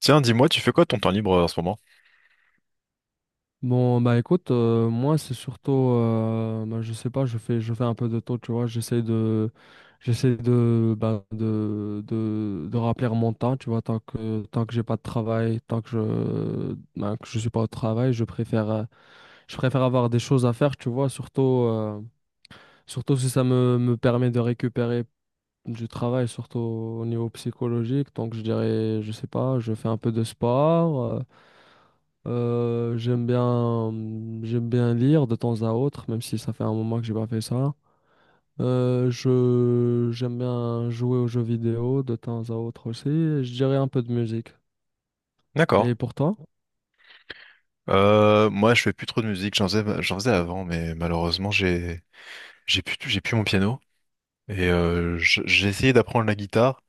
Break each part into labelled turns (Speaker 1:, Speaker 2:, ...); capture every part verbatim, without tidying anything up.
Speaker 1: Tiens, dis-moi, tu fais quoi ton temps libre euh, en ce moment?
Speaker 2: Bon, bah écoute, euh, moi c'est surtout, euh, bah, je sais pas, je fais, je fais un peu de tout, tu vois, j'essaie de, j'essaie de, bah, de, de, de remplir mon temps, tu vois, tant que, tant que j'ai pas de travail, tant que je, bah, que je suis pas au travail, je préfère, euh, je préfère avoir des choses à faire, tu vois, surtout, euh, surtout si ça me, me permet de récupérer du travail, surtout au niveau psychologique. Donc je dirais, je sais pas, je fais un peu de sport. euh, euh, j'aime bien, j'aime bien lire de temps à autre, même si ça fait un moment que j'ai pas fait ça. Euh, je, j'aime bien jouer aux jeux vidéo de temps à autre aussi, et je dirais un peu de musique.
Speaker 1: D'accord.
Speaker 2: Et pour toi?
Speaker 1: Euh, moi, je fais plus trop de musique. J'en faisais, j'en faisais avant, mais malheureusement, j'ai, j'ai plus, j'ai plus mon piano. Et euh, j- j'ai essayé d'apprendre la guitare,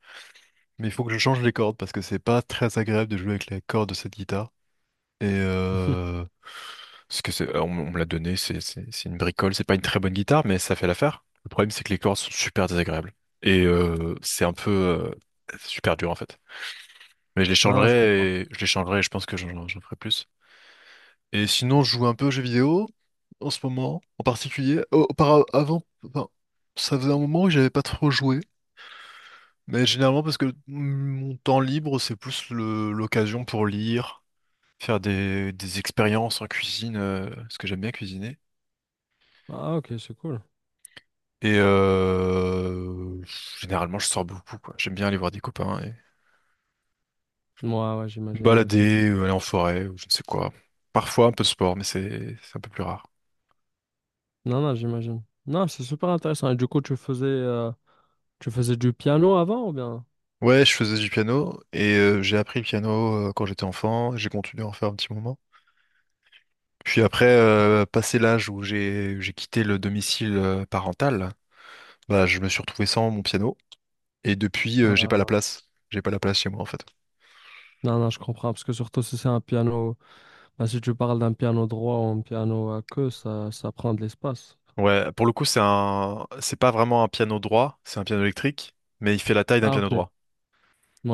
Speaker 1: mais il faut que je change les cordes parce que c'est pas très agréable de jouer avec les cordes de cette guitare. Et euh, ce que c'est, euh, on, on me l'a donné, c'est c'est- c'est une bricole, c'est pas une très bonne guitare, mais ça fait l'affaire. Le problème, c'est que les cordes sont super désagréables. Et euh, c'est un peu euh, super dur en fait. Mais je les
Speaker 2: Non, non, je comprends.
Speaker 1: changerai et je les changerai et je pense que j'en j'en ferai plus. Et sinon, je joue un peu aux jeux vidéo en ce moment, en particulier. Au- auparavant, enfin, ça faisait un moment que j'avais pas trop joué. Mais généralement parce que mon temps libre, c'est plus le- l'occasion pour lire, faire des, des expériences en cuisine, euh, parce que j'aime bien cuisiner.
Speaker 2: Ah, ok, c'est cool.
Speaker 1: Et euh, généralement, je sors beaucoup, quoi. J'aime bien aller voir des copains et
Speaker 2: Moi, ouais, ouais,
Speaker 1: me
Speaker 2: j'imagine, moi aussi.
Speaker 1: balader, euh, aller en forêt, ou je ne sais quoi. Parfois un peu de sport, mais c'est c'est un peu plus rare.
Speaker 2: Non, non, j'imagine. Non, c'est super intéressant. Et du coup, tu faisais, euh, tu faisais du piano avant ou bien?
Speaker 1: Ouais, je faisais du piano et euh, j'ai appris le piano euh, quand j'étais enfant. J'ai continué à en faire un petit moment. Puis après, euh, passé l'âge où j'ai j'ai quitté le domicile euh, parental. Bah, je me suis retrouvé sans mon piano et depuis, euh, j'ai pas la
Speaker 2: Ah,
Speaker 1: place. J'ai pas la place chez moi en fait.
Speaker 2: non, non, je comprends. Parce que surtout si c'est un piano, bah, si tu parles d'un piano droit ou un piano à queue, ça, ça prend de l'espace.
Speaker 1: Ouais, pour le coup, c'est un, c'est pas vraiment un piano droit, c'est un piano électrique, mais il fait la taille d'un
Speaker 2: Ah,
Speaker 1: piano
Speaker 2: ok.
Speaker 1: droit.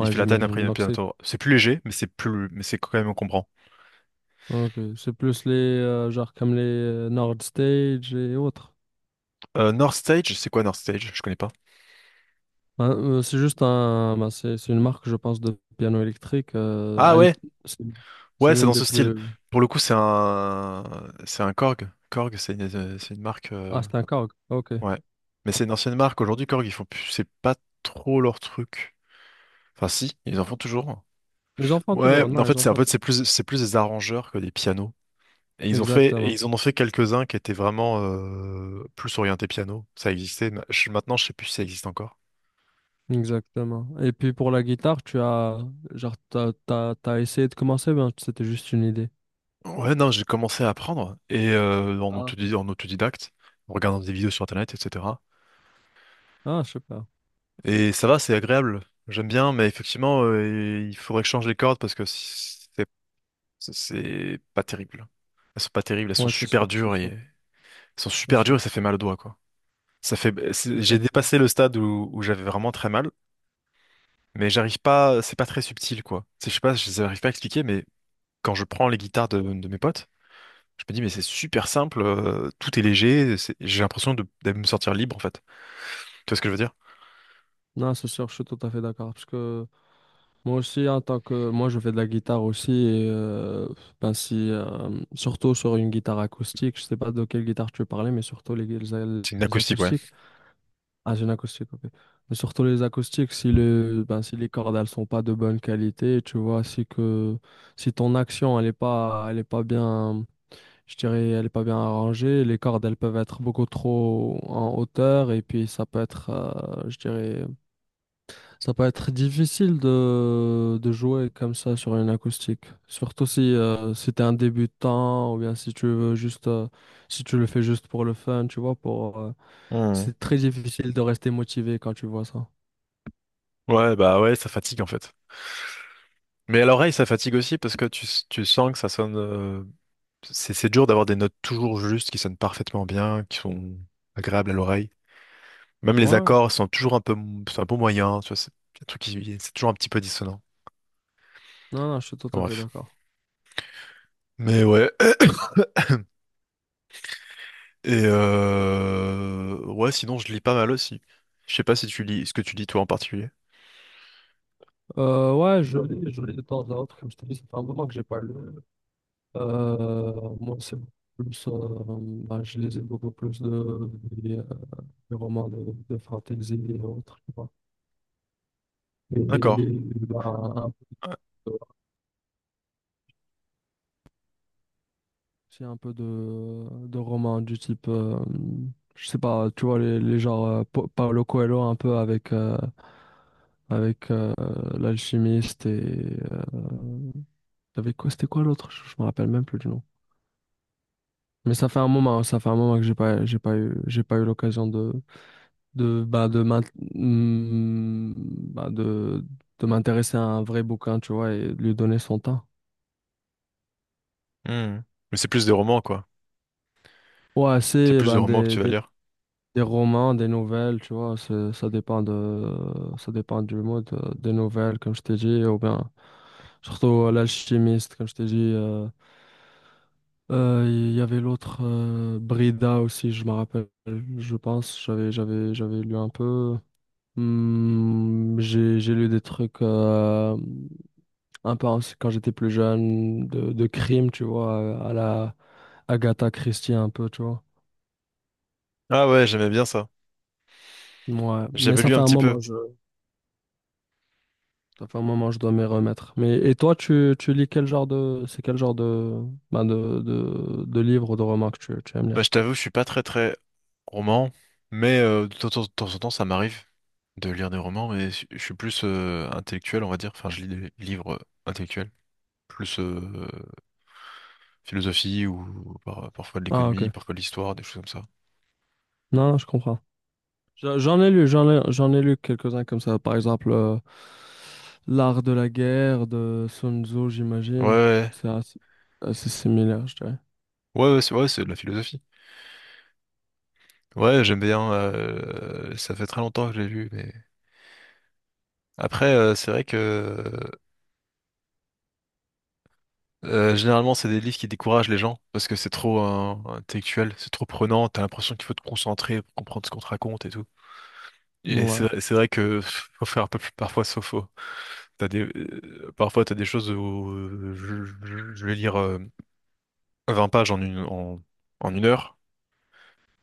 Speaker 1: Il fait la taille d'un
Speaker 2: j'imagine.
Speaker 1: piano
Speaker 2: Donc,
Speaker 1: piano
Speaker 2: c'est
Speaker 1: droit. C'est plus léger, mais c'est plus, mais c'est quand même encombrant.
Speaker 2: ok, c'est plus les, euh, genre, comme les euh, Nord Stage et autres.
Speaker 1: Euh, North Stage, c'est quoi North Stage? Je connais pas.
Speaker 2: Ben, euh, c'est juste un, ben, c'est c'est une marque, je pense, de piano électrique. Euh,
Speaker 1: Ah
Speaker 2: à l'é-
Speaker 1: ouais,
Speaker 2: c'est c'est
Speaker 1: ouais, c'est
Speaker 2: l'une
Speaker 1: dans
Speaker 2: des
Speaker 1: ce style.
Speaker 2: plus.
Speaker 1: Pour le coup, c'est un, c'est un Korg. Korg, c'est une, c'est une marque, euh,
Speaker 2: Ah, c'est un Korg. Ok.
Speaker 1: ouais. Mais c'est une ancienne marque. Aujourd'hui, Korg, ils font plus, c'est pas trop leur truc. Enfin, si, ils en font toujours.
Speaker 2: Mes enfants,
Speaker 1: Ouais,
Speaker 2: toujours. Non,
Speaker 1: en
Speaker 2: les
Speaker 1: fait, c'est en
Speaker 2: enfants.
Speaker 1: fait, c'est plus, c'est plus des arrangeurs que des pianos. Et ils ont fait, et
Speaker 2: Exactement.
Speaker 1: ils en ont fait quelques-uns qui étaient vraiment euh, plus orientés piano. Ça existait. Ma- je- Maintenant, je sais plus si ça existe encore.
Speaker 2: Exactement. Et puis, pour la guitare, tu as, genre, t'as, t'as, t'as essayé de commencer, ben, c'était juste une idée.
Speaker 1: Ouais, non, j'ai commencé à apprendre et euh, en
Speaker 2: Ah,
Speaker 1: autodi- en autodidacte, en regardant des vidéos sur Internet, et cetera.
Speaker 2: ah, je sais pas.
Speaker 1: Et ça va, c'est agréable. J'aime bien, mais effectivement, euh, il faudrait que je change les cordes parce que c'est Ça, c'est pas terrible. Elles sont pas terribles, elles sont
Speaker 2: Ouais, c'est
Speaker 1: super
Speaker 2: sûr, c'est
Speaker 1: dures et
Speaker 2: sûr,
Speaker 1: elles sont
Speaker 2: c'est
Speaker 1: super dures
Speaker 2: sûr,
Speaker 1: et ça fait mal au doigt quoi. Ça fait c'est-
Speaker 2: c'est
Speaker 1: j'ai
Speaker 2: sûr.
Speaker 1: dépassé le stade où, où j'avais vraiment très mal, mais j'arrive pas, c'est pas très subtil quoi. C'est- Je sais pas, je n'arrive pas à expliquer mais quand je prends les guitares de, de mes potes, je me dis mais c'est super simple, euh, tout est léger, c'est- j'ai l'impression de, de me sentir libre en fait. Tu vois ce que je veux dire?
Speaker 2: Non, c'est sûr, je suis tout à fait d'accord. Parce que moi aussi, en tant que moi, je fais de la guitare aussi. Et, euh, ben si, euh, surtout sur une guitare acoustique. Je sais pas de quelle guitare tu parlais, mais surtout les, les,
Speaker 1: C'est une
Speaker 2: les
Speaker 1: acoustique ouais.
Speaker 2: acoustiques. Ah, j'ai une acoustique, ok. Mais surtout les acoustiques, si le, ben, si les cordes elles sont pas de bonne qualité, tu vois, si que si ton action elle est pas, elle est pas bien, je dirais, elle est pas bien arrangée, les cordes elles peuvent être beaucoup trop en hauteur et puis ça peut être, euh, je dirais. Ça peut être difficile de, de jouer comme ça sur une acoustique. Surtout si, euh, si tu es un débutant ou bien si tu veux juste, euh, si tu le fais juste pour le fun, tu vois, pour, euh,
Speaker 1: Mhm.
Speaker 2: c'est très difficile de rester motivé quand tu vois ça.
Speaker 1: Ouais bah ouais, ça fatigue en fait. Mais à l'oreille ça fatigue aussi parce que tu, tu sens que ça sonne euh, c'est c'est dur d'avoir des notes toujours justes, qui sonnent parfaitement bien, qui sont agréables à l'oreille. Même les
Speaker 2: Ouais,
Speaker 1: accords sont toujours un peu, mo- sont un peu moyens, tu vois, c'est un truc qui, c'est toujours un petit peu dissonant.
Speaker 2: non, non, je suis tout
Speaker 1: Enfin,
Speaker 2: à fait
Speaker 1: bref.
Speaker 2: d'accord.
Speaker 1: Mais ouais. Et euh, ouais, sinon je lis pas mal aussi. Je sais pas si tu lis, ce que tu lis toi en particulier.
Speaker 2: Euh, ouais, je lis, je lis de temps à autre, comme je t'ai dit, ça fait un moment que j'ai pas lu. Euh, moi, c'est beaucoup plus, euh, bah, je lisais beaucoup plus de, des, euh, des romans de, de fantasy et autres, tu vois.
Speaker 1: D'accord.
Speaker 2: Et, bah, j'ai un peu de, de romans du type, euh, je sais pas, tu vois, les, les genres euh, Pa- Paulo Coelho un peu avec, euh, avec euh, l'alchimiste et euh, avec quoi, c'était quoi l'autre? Je, je me rappelle même plus du nom. Mais ça fait un moment, ça fait un moment que j'ai pas, j'ai pas eu, j'ai pas eu l'occasion de, de, bah, de m'int- hmm, bah, de, de m'intéresser à un vrai bouquin, tu vois, et de lui donner son temps.
Speaker 1: Hmm. Mais c'est plus des romans, quoi.
Speaker 2: Ouais,
Speaker 1: C'est
Speaker 2: c'est
Speaker 1: plus de
Speaker 2: ben
Speaker 1: romans que tu
Speaker 2: des,
Speaker 1: vas
Speaker 2: des
Speaker 1: lire.
Speaker 2: Des romans, des nouvelles, tu vois, c'est- ça dépend de, ça dépend du mode euh, des nouvelles, comme je t'ai dit, ou bien surtout euh, l'alchimiste, comme je t'ai dit. euh, euh, Il y avait l'autre euh, Brida aussi, je me rappelle, je pense, j'avais, j'avais, j'avais lu un peu. Hmm, j'ai, j'ai lu des trucs euh, un peu aussi quand j'étais plus jeune, de, de crime, tu vois, à la Agatha Christie un peu, tu vois.
Speaker 1: Ah ouais, j'aimais bien ça.
Speaker 2: Ouais, mais
Speaker 1: J'avais
Speaker 2: ça
Speaker 1: lu
Speaker 2: fait
Speaker 1: un
Speaker 2: un
Speaker 1: petit peu.
Speaker 2: moment. Ça fait un moment, je dois m'y remettre. Mais et toi, tu, tu lis quel genre de c'est quel genre de ben de, de, de livres ou de romans que tu, tu aimes
Speaker 1: Bah, je
Speaker 2: lire?
Speaker 1: t'avoue, je suis pas très très roman, mais euh, de temps de temps en temps, ça m'arrive de lire des romans, mais je je suis plus euh, intellectuel, on va dire. Enfin, je lis des livres euh, intellectuels, plus euh, philosophie ou par- parfois de
Speaker 2: Ah ok.
Speaker 1: l'économie, parfois de l'histoire, des choses comme ça.
Speaker 2: Non, non, je comprends. J'en j'en ai lu, j'en ai, j'en ai lu quelques-uns comme ça. Par exemple, euh, l'art de la guerre de Sun Tzu,
Speaker 1: Ouais,
Speaker 2: j'imagine.
Speaker 1: ouais,
Speaker 2: C'est assez, assez similaire, je dirais.
Speaker 1: ouais, ouais, c'est ouais, c'est de la philosophie. Ouais, j'aime bien, euh, ça fait très longtemps que je l'ai lu, mais après, euh, c'est vrai que euh, généralement, c'est des livres qui découragent les gens parce que c'est trop euh, intellectuel, c'est trop prenant. T'as l'impression qu'il faut te concentrer pour comprendre ce qu'on te raconte et tout. Et c'est
Speaker 2: Ouais,
Speaker 1: vrai c'est vrai que pff, faut faire un peu plus parfois sauf faux. T'as des euh, parfois t'as des choses où euh, je, je- je vais lire euh, vingt pages en une en, en une heure.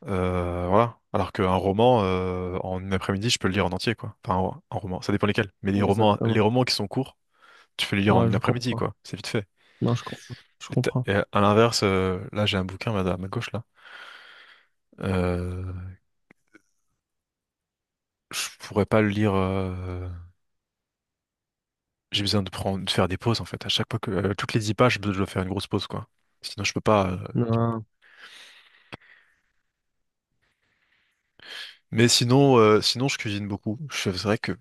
Speaker 1: Euh, voilà. Alors qu'un roman, euh, en une après-midi, je peux le lire en entier, quoi. Enfin, un, un roman, ça dépend lesquels. Mais les romans, les
Speaker 2: exactement.
Speaker 1: romans qui sont courts, tu peux les lire en
Speaker 2: Ouais,
Speaker 1: une
Speaker 2: je
Speaker 1: après-midi,
Speaker 2: comprends.
Speaker 1: quoi. C'est vite fait.
Speaker 2: Non, je comprends. Je
Speaker 1: Et, t'as-
Speaker 2: comprends.
Speaker 1: et à l'inverse, euh, là, j'ai un bouquin à ma à ma gauche, là. Euh, je pourrais pas le lire, euh, j'ai besoin de prendre, de faire des pauses, en fait. À chaque fois que, euh, toutes les dix pages, je dois faire une grosse pause, quoi. Sinon, je peux pas, euh.
Speaker 2: Non,
Speaker 1: Mais sinon, euh, sinon, je cuisine beaucoup. Je- C'est vrai que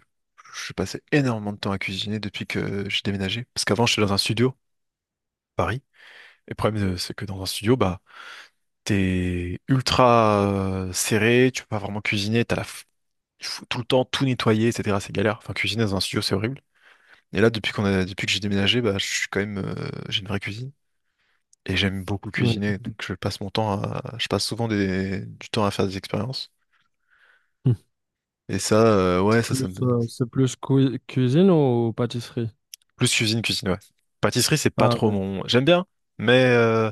Speaker 1: je passais énormément de temps à cuisiner depuis que j'ai déménagé. Parce qu'avant, j'étais dans un studio à Paris. Et le problème, euh, c'est que dans un studio, bah, t'es ultra euh, serré, tu peux pas vraiment cuisiner, t'as la... f- il faut tout le temps tout nettoyer, et cetera. C'est galère. Enfin, cuisiner dans un studio, c'est horrible. Et là, depuis qu'on a... depuis que j'ai déménagé, bah, je suis quand même, euh, j'ai une vraie cuisine et j'aime beaucoup
Speaker 2: non.
Speaker 1: cuisiner. Donc, je passe mon temps à, je passe souvent des, du temps à faire des expériences.
Speaker 2: Hmm.
Speaker 1: Et ça, euh, ouais,
Speaker 2: C'est
Speaker 1: ça, ça
Speaker 2: plus,
Speaker 1: me...
Speaker 2: euh, c'est plus cui- cuisine ou pâtisserie?
Speaker 1: Plus cuisine, cuisine, ouais. Pâtisserie, c'est pas
Speaker 2: Ah,
Speaker 1: trop
Speaker 2: ok.
Speaker 1: mon. J'aime bien, mais euh,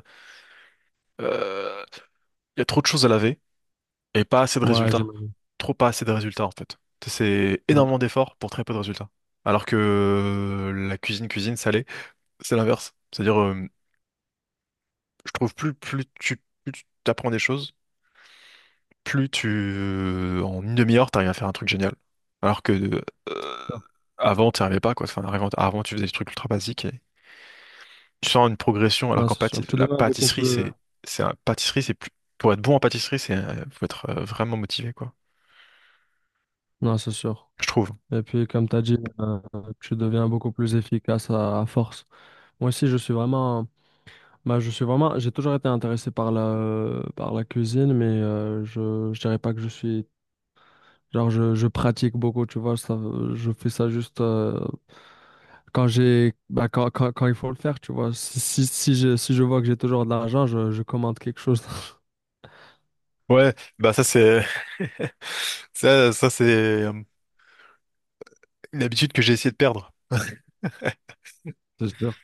Speaker 1: euh, il y a trop de choses à laver. Et pas assez de
Speaker 2: Ouais,
Speaker 1: résultats.
Speaker 2: j'imagine.
Speaker 1: Trop pas assez de résultats en fait. C'est
Speaker 2: Non,
Speaker 1: énormément d'efforts pour très peu de résultats. Alors que euh, la cuisine, cuisine salée, c'est l'inverse. C'est-à-dire, euh, je trouve plus, plus tu, plus tu t'apprends des choses, plus tu, euh, en une demi-heure, t'arrives à faire un truc génial. Alors que euh,
Speaker 2: je-
Speaker 1: avant, t'y arrivais pas quoi. Enfin, avant, avant, tu faisais des trucs ultra basiques et tu sens une progression. Alors
Speaker 2: non,
Speaker 1: qu'en
Speaker 2: c'est sûr.
Speaker 1: pâti-
Speaker 2: Je te
Speaker 1: la
Speaker 2: demande beaucoup
Speaker 1: pâtisserie,
Speaker 2: plus.
Speaker 1: c'est, c'est un pâtisserie, c'est plus, pour être bon en pâtisserie, c'est, euh, faut être euh, vraiment motivé quoi.
Speaker 2: Non, c'est sûr.
Speaker 1: Je trouve.
Speaker 2: Et puis, comme tu as dit, euh, tu deviens beaucoup plus efficace à, à force. Moi aussi, je suis vraiment, bah, je suis vraiment, j'ai toujours été intéressé par la, par la cuisine, mais euh, je, je dirais pas que je suis, genre, je, je pratique beaucoup, tu vois, ça, je fais ça juste euh, quand j'ai, bah, quand, quand, quand il faut le faire, tu vois. Si, si, si je, si je vois que j'ai toujours de l'argent, je, je commande quelque chose.
Speaker 1: Ouais, bah ça c'est ça ça c'est euh, une habitude que j'ai essayé de perdre.
Speaker 2: C'est sûr.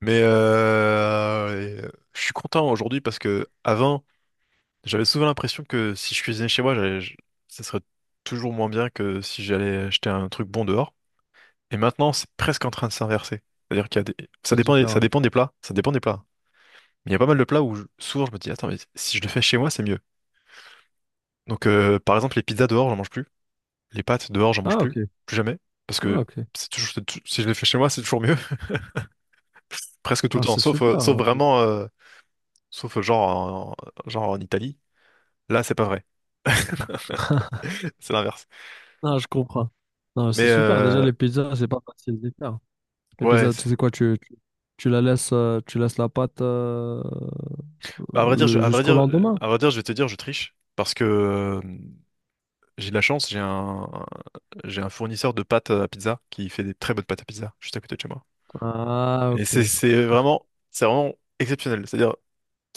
Speaker 1: Mais euh, et, euh, je suis content aujourd'hui parce que avant, j'avais souvent l'impression que si je cuisinais chez moi, j'allais- je- ça serait toujours moins bien que si j'allais acheter un truc bon dehors. Et maintenant, c'est presque en train de s'inverser. C'est-à-dire qu'il y a des... Ça
Speaker 2: C'est
Speaker 1: dépend des, ça
Speaker 2: différent.
Speaker 1: dépend des plats, ça dépend des plats. Mais il y a pas mal de plats où je- souvent je me dis attends mais si je le fais chez moi, c'est mieux. Donc euh, par exemple les pizzas dehors, j'en mange plus. Les pâtes dehors, j'en mange
Speaker 2: Ah,
Speaker 1: plus,
Speaker 2: ok.
Speaker 1: plus jamais, parce
Speaker 2: Ah,
Speaker 1: que
Speaker 2: ok.
Speaker 1: c'est toujours, c'est tou- si je les fais chez moi, c'est toujours mieux, presque tout le
Speaker 2: Ah,
Speaker 1: temps,
Speaker 2: c'est
Speaker 1: sauf, euh,
Speaker 2: super.
Speaker 1: sauf vraiment, euh, sauf euh, genre, en, genre en Italie. Là, c'est pas vrai, c'est l'inverse.
Speaker 2: Non, je comprends. Non, c'est
Speaker 1: Mais
Speaker 2: super. Déjà,
Speaker 1: euh,
Speaker 2: les pizzas, c'est pas facile de les faire. Les
Speaker 1: ouais,
Speaker 2: pizzas, tu
Speaker 1: c'est-
Speaker 2: sais quoi, tu, tu, tu la laisses, euh, tu laisses la pâte euh,
Speaker 1: à vrai dire, je,
Speaker 2: le,
Speaker 1: à vrai
Speaker 2: jusqu'au
Speaker 1: dire, euh,
Speaker 2: lendemain.
Speaker 1: à vrai dire, je vais te dire, je triche parce que euh, j'ai de la chance, j'ai un, j'ai un fournisseur de pâtes à pizza qui fait des très bonnes pâtes à pizza juste à côté de chez moi.
Speaker 2: Ah,
Speaker 1: Et
Speaker 2: ok.
Speaker 1: c'est c'est vraiment, c'est vraiment exceptionnel. C'est-à-dire,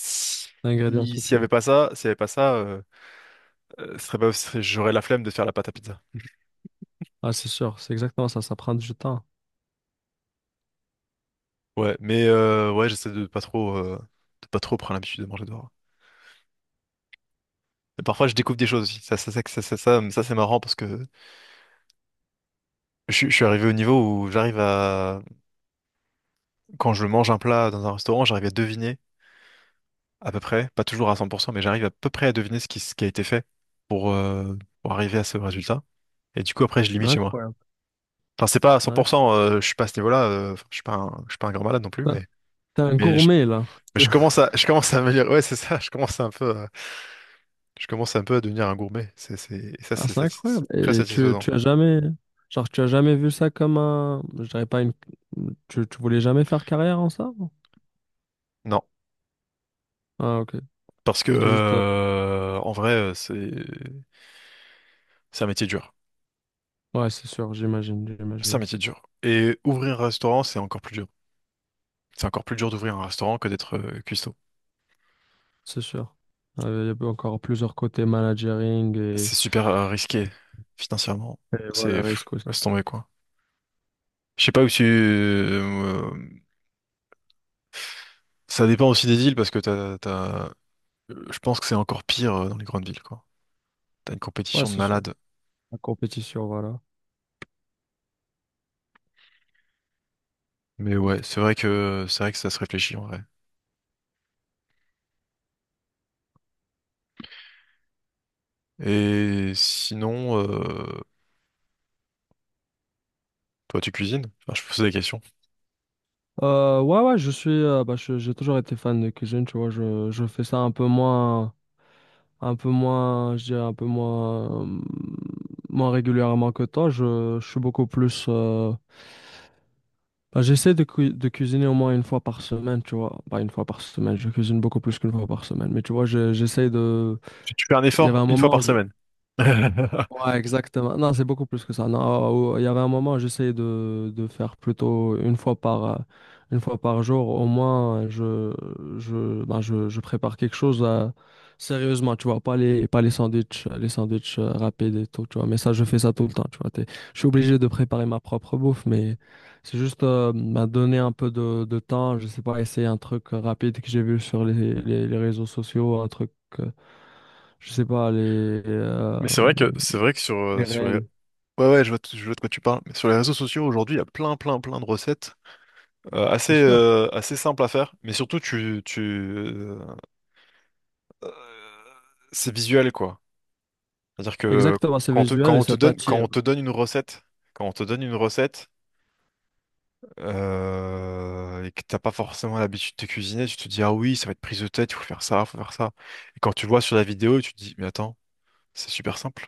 Speaker 1: si-
Speaker 2: L'ingrédient
Speaker 1: s'il n'y
Speaker 2: secret.
Speaker 1: avait pas ça, s'il y avait pas ça. euh, euh, ce serait pas, ce serait- j'aurais la flemme de faire la pâte à pizza.
Speaker 2: Ah, c'est sûr, c'est exactement ça. Ça prend du temps.
Speaker 1: Ouais, mais euh, ouais, j'essaie de pas trop, euh, de pas trop prendre l'habitude de manger dehors. Et parfois, je découvre des choses aussi. Ça, ça, ça, ça, ça, ça, ça, c'est marrant parce que je, suis je suis arrivé au niveau où j'arrive à, quand je mange un plat dans un restaurant, j'arrive à deviner à peu près, pas toujours à cent pour cent, mais j'arrive à peu près à deviner ce qui, ce qui a été fait pour, euh, pour arriver à ce résultat. Et du coup, après, je limite chez moi.
Speaker 2: Incroyable.
Speaker 1: Enfin, c'est pas à
Speaker 2: Incroyable.
Speaker 1: cent pour cent, euh, je suis pas à ce niveau-là, euh, enfin, je suis pas un, je suis pas un grand malade non plus,
Speaker 2: T'es
Speaker 1: mais,
Speaker 2: T'es un
Speaker 1: mais je,
Speaker 2: gourmet, là.
Speaker 1: je commence à, je commence à me dire, ouais, c'est ça, je commence à un peu. Je commence un peu à devenir un gourmet. C'est, c'est, et ça,
Speaker 2: Ah,
Speaker 1: c'est
Speaker 2: c'est
Speaker 1: satis-
Speaker 2: incroyable.
Speaker 1: très
Speaker 2: Et tu,
Speaker 1: satisfaisant.
Speaker 2: tu as jamais, genre, tu as jamais vu ça comme un, je dirais pas une, tu, tu voulais jamais faire carrière en ça?
Speaker 1: Non,
Speaker 2: Ah, ok.
Speaker 1: parce que
Speaker 2: C'est juste, euh,
Speaker 1: euh, en vrai, euh, c'est c'est un métier dur.
Speaker 2: ouais, c'est sûr, j'imagine,
Speaker 1: C'est un
Speaker 2: j'imagine.
Speaker 1: métier dur. Et ouvrir un restaurant, c'est encore plus dur. C'est encore plus dur d'ouvrir un restaurant que d'être euh, cuistot.
Speaker 2: C'est sûr. Euh, Il y a encore plusieurs côtés managering et,
Speaker 1: C'est super euh, risqué financièrement.
Speaker 2: et
Speaker 1: C'est
Speaker 2: voilà,
Speaker 1: pff,
Speaker 2: risque aussi.
Speaker 1: laisse tomber quoi. Je sais pas où tu. Euh, ça dépend aussi des villes parce que t'as, t'as... euh, je pense que c'est encore pire euh, dans les grandes villes quoi. T'as une
Speaker 2: Ouais,
Speaker 1: compétition de
Speaker 2: c'est sûr.
Speaker 1: malades.
Speaker 2: La compétition, voilà.
Speaker 1: Mais ouais, c'est vrai que c'est vrai que ça se réfléchit en vrai. Et sinon, euh, toi, tu cuisines? Enfin, je pose des questions.
Speaker 2: Euh, ouais, ouais, je suis, euh, bah, je- j'ai toujours été fan de cuisine, tu vois. Je, je fais ça un peu moins, un peu moins, je dirais un peu moins, euh, moins régulièrement que toi. Je, je suis beaucoup plus. Euh, bah, j'essaie de, cui- de cuisiner au moins une fois par semaine, tu vois. Pas une fois par semaine, je cuisine beaucoup plus qu'une fois par semaine. Mais tu vois, je- j'essaie de.
Speaker 1: Tu tu fais un
Speaker 2: Il y avait
Speaker 1: effort
Speaker 2: un
Speaker 1: une fois
Speaker 2: moment.
Speaker 1: par
Speaker 2: Je-
Speaker 1: semaine.
Speaker 2: Ouais, exactement. Non, c'est beaucoup plus que ça. Non, euh, il y avait un moment, j'essayais de, de faire plutôt une fois par, euh, une fois par jour. Au moins, je, je, ben, je, je prépare quelque chose euh, sérieusement, tu vois. Pas les, pas les sandwichs, les sandwichs euh, rapides et tout, tu vois. Mais ça, je fais ça tout le temps, tu vois. T'es- je suis obligé de préparer ma propre bouffe, mais c'est juste euh, ben, donner un peu de, de temps. Je sais pas, essayer un truc rapide que j'ai vu sur les, les, les réseaux sociaux, un truc, euh, je sais pas, les, euh,
Speaker 1: Mais c'est vrai que c'est vrai que sur euh,
Speaker 2: les
Speaker 1: sur les...
Speaker 2: réels.
Speaker 1: ouais ouais je vois t- je vois de quoi tu parles. Mais sur les réseaux sociaux aujourd'hui, il y a plein plein plein de recettes euh, assez
Speaker 2: C'est sûr.
Speaker 1: euh, assez simples à faire. Mais surtout tu tu euh, euh, c'est visuel quoi. C'est-à-dire que
Speaker 2: Exactement, c'est
Speaker 1: quand on te, quand
Speaker 2: visuel et
Speaker 1: on te
Speaker 2: ça
Speaker 1: donne, quand
Speaker 2: t'attire.
Speaker 1: on te donne une recette, quand on te donne une recette euh, et que t'as pas forcément l'habitude de cuisiner, tu te dis ah oui, ça va être prise de tête, il faut faire ça, il faut faire ça. Et quand tu le vois sur la vidéo, tu te dis mais attends, c'est super simple,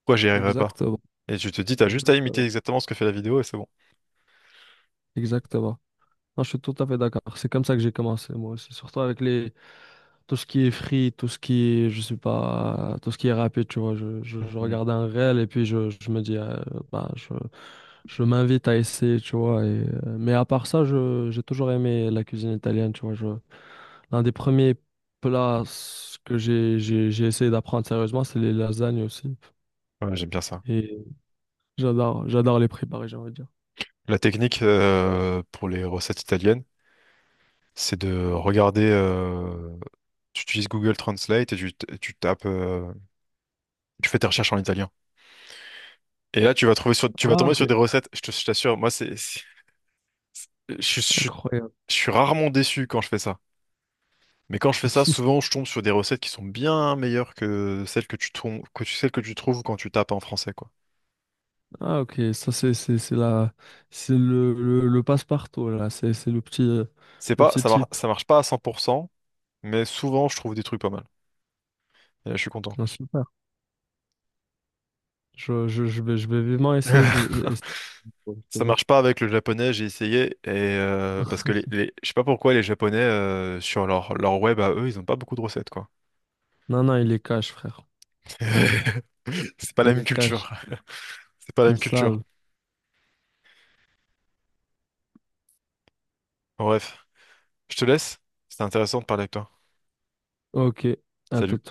Speaker 1: pourquoi j'y arriverai pas?
Speaker 2: Exactement.
Speaker 1: Et tu te dis t'as juste à imiter
Speaker 2: Exactement.
Speaker 1: exactement ce que fait la vidéo et c'est bon.
Speaker 2: Exactement. Non, je suis tout à fait d'accord. C'est comme ça que j'ai commencé, moi aussi. Surtout avec les... tout ce qui est free, tout ce qui est, je sais pas, tout ce qui est rapide, tu vois. Je, je, je
Speaker 1: Mhm.
Speaker 2: regarde un réel et puis je, je me dis, euh, bah, je, je m'invite à essayer, tu vois. Et... euh, Mais à part ça, je, j'ai toujours aimé la cuisine italienne, tu vois. Je... L'un des premiers plats que j'ai, j'ai, j'ai essayé d'apprendre sérieusement, c'est les lasagnes aussi.
Speaker 1: Ouais, j'aime bien ça.
Speaker 2: Et j'adore, j'adore les préparer, j'ai envie de dire.
Speaker 1: La technique euh, pour les recettes italiennes, c'est de regarder, euh, tu utilises Google Translate et tu, t- tu tapes, euh, tu fais tes recherches en italien. Et là, tu vas trouver sur, tu vas
Speaker 2: Ah,
Speaker 1: tomber
Speaker 2: ok.
Speaker 1: sur des recettes, je te- je t'assure, moi, c'est, c'est- je, suis- je, suis
Speaker 2: Incroyable.
Speaker 1: je suis rarement déçu quand je fais ça. Mais quand je fais ça, souvent, je tombe sur des recettes qui sont bien meilleures que celles que tu, trou- que tu- celles que tu trouves quand tu tapes en français, quoi.
Speaker 2: Ah, ok. Ça, c'est, c'est, c'est la, c'est le, le, le passe-partout, là. C'est, c'est le petit, euh,
Speaker 1: C'est
Speaker 2: le
Speaker 1: pas,
Speaker 2: petit
Speaker 1: ça mar-
Speaker 2: type.
Speaker 1: ça marche pas à cent pour cent, mais souvent, je trouve des trucs pas mal. Et là, je suis content.
Speaker 2: Ah, super. Je, je, je vais, je vais vivement essayer. Ce- essayer ce
Speaker 1: Ça
Speaker 2: projet.
Speaker 1: marche pas avec le japonais, j'ai essayé, et euh, parce que les, les- je sais pas pourquoi les japonais, euh, sur leur, leur web à eux, ils ont pas beaucoup de recettes, quoi.
Speaker 2: Non, non, il est cash, frère.
Speaker 1: C'est pas
Speaker 2: Il
Speaker 1: la même
Speaker 2: est cash.
Speaker 1: culture. C'est pas la même
Speaker 2: Ils
Speaker 1: culture.
Speaker 2: savent.
Speaker 1: Bref. Je te laisse. C'était intéressant de parler avec toi.
Speaker 2: Ok. À tout.
Speaker 1: Salut.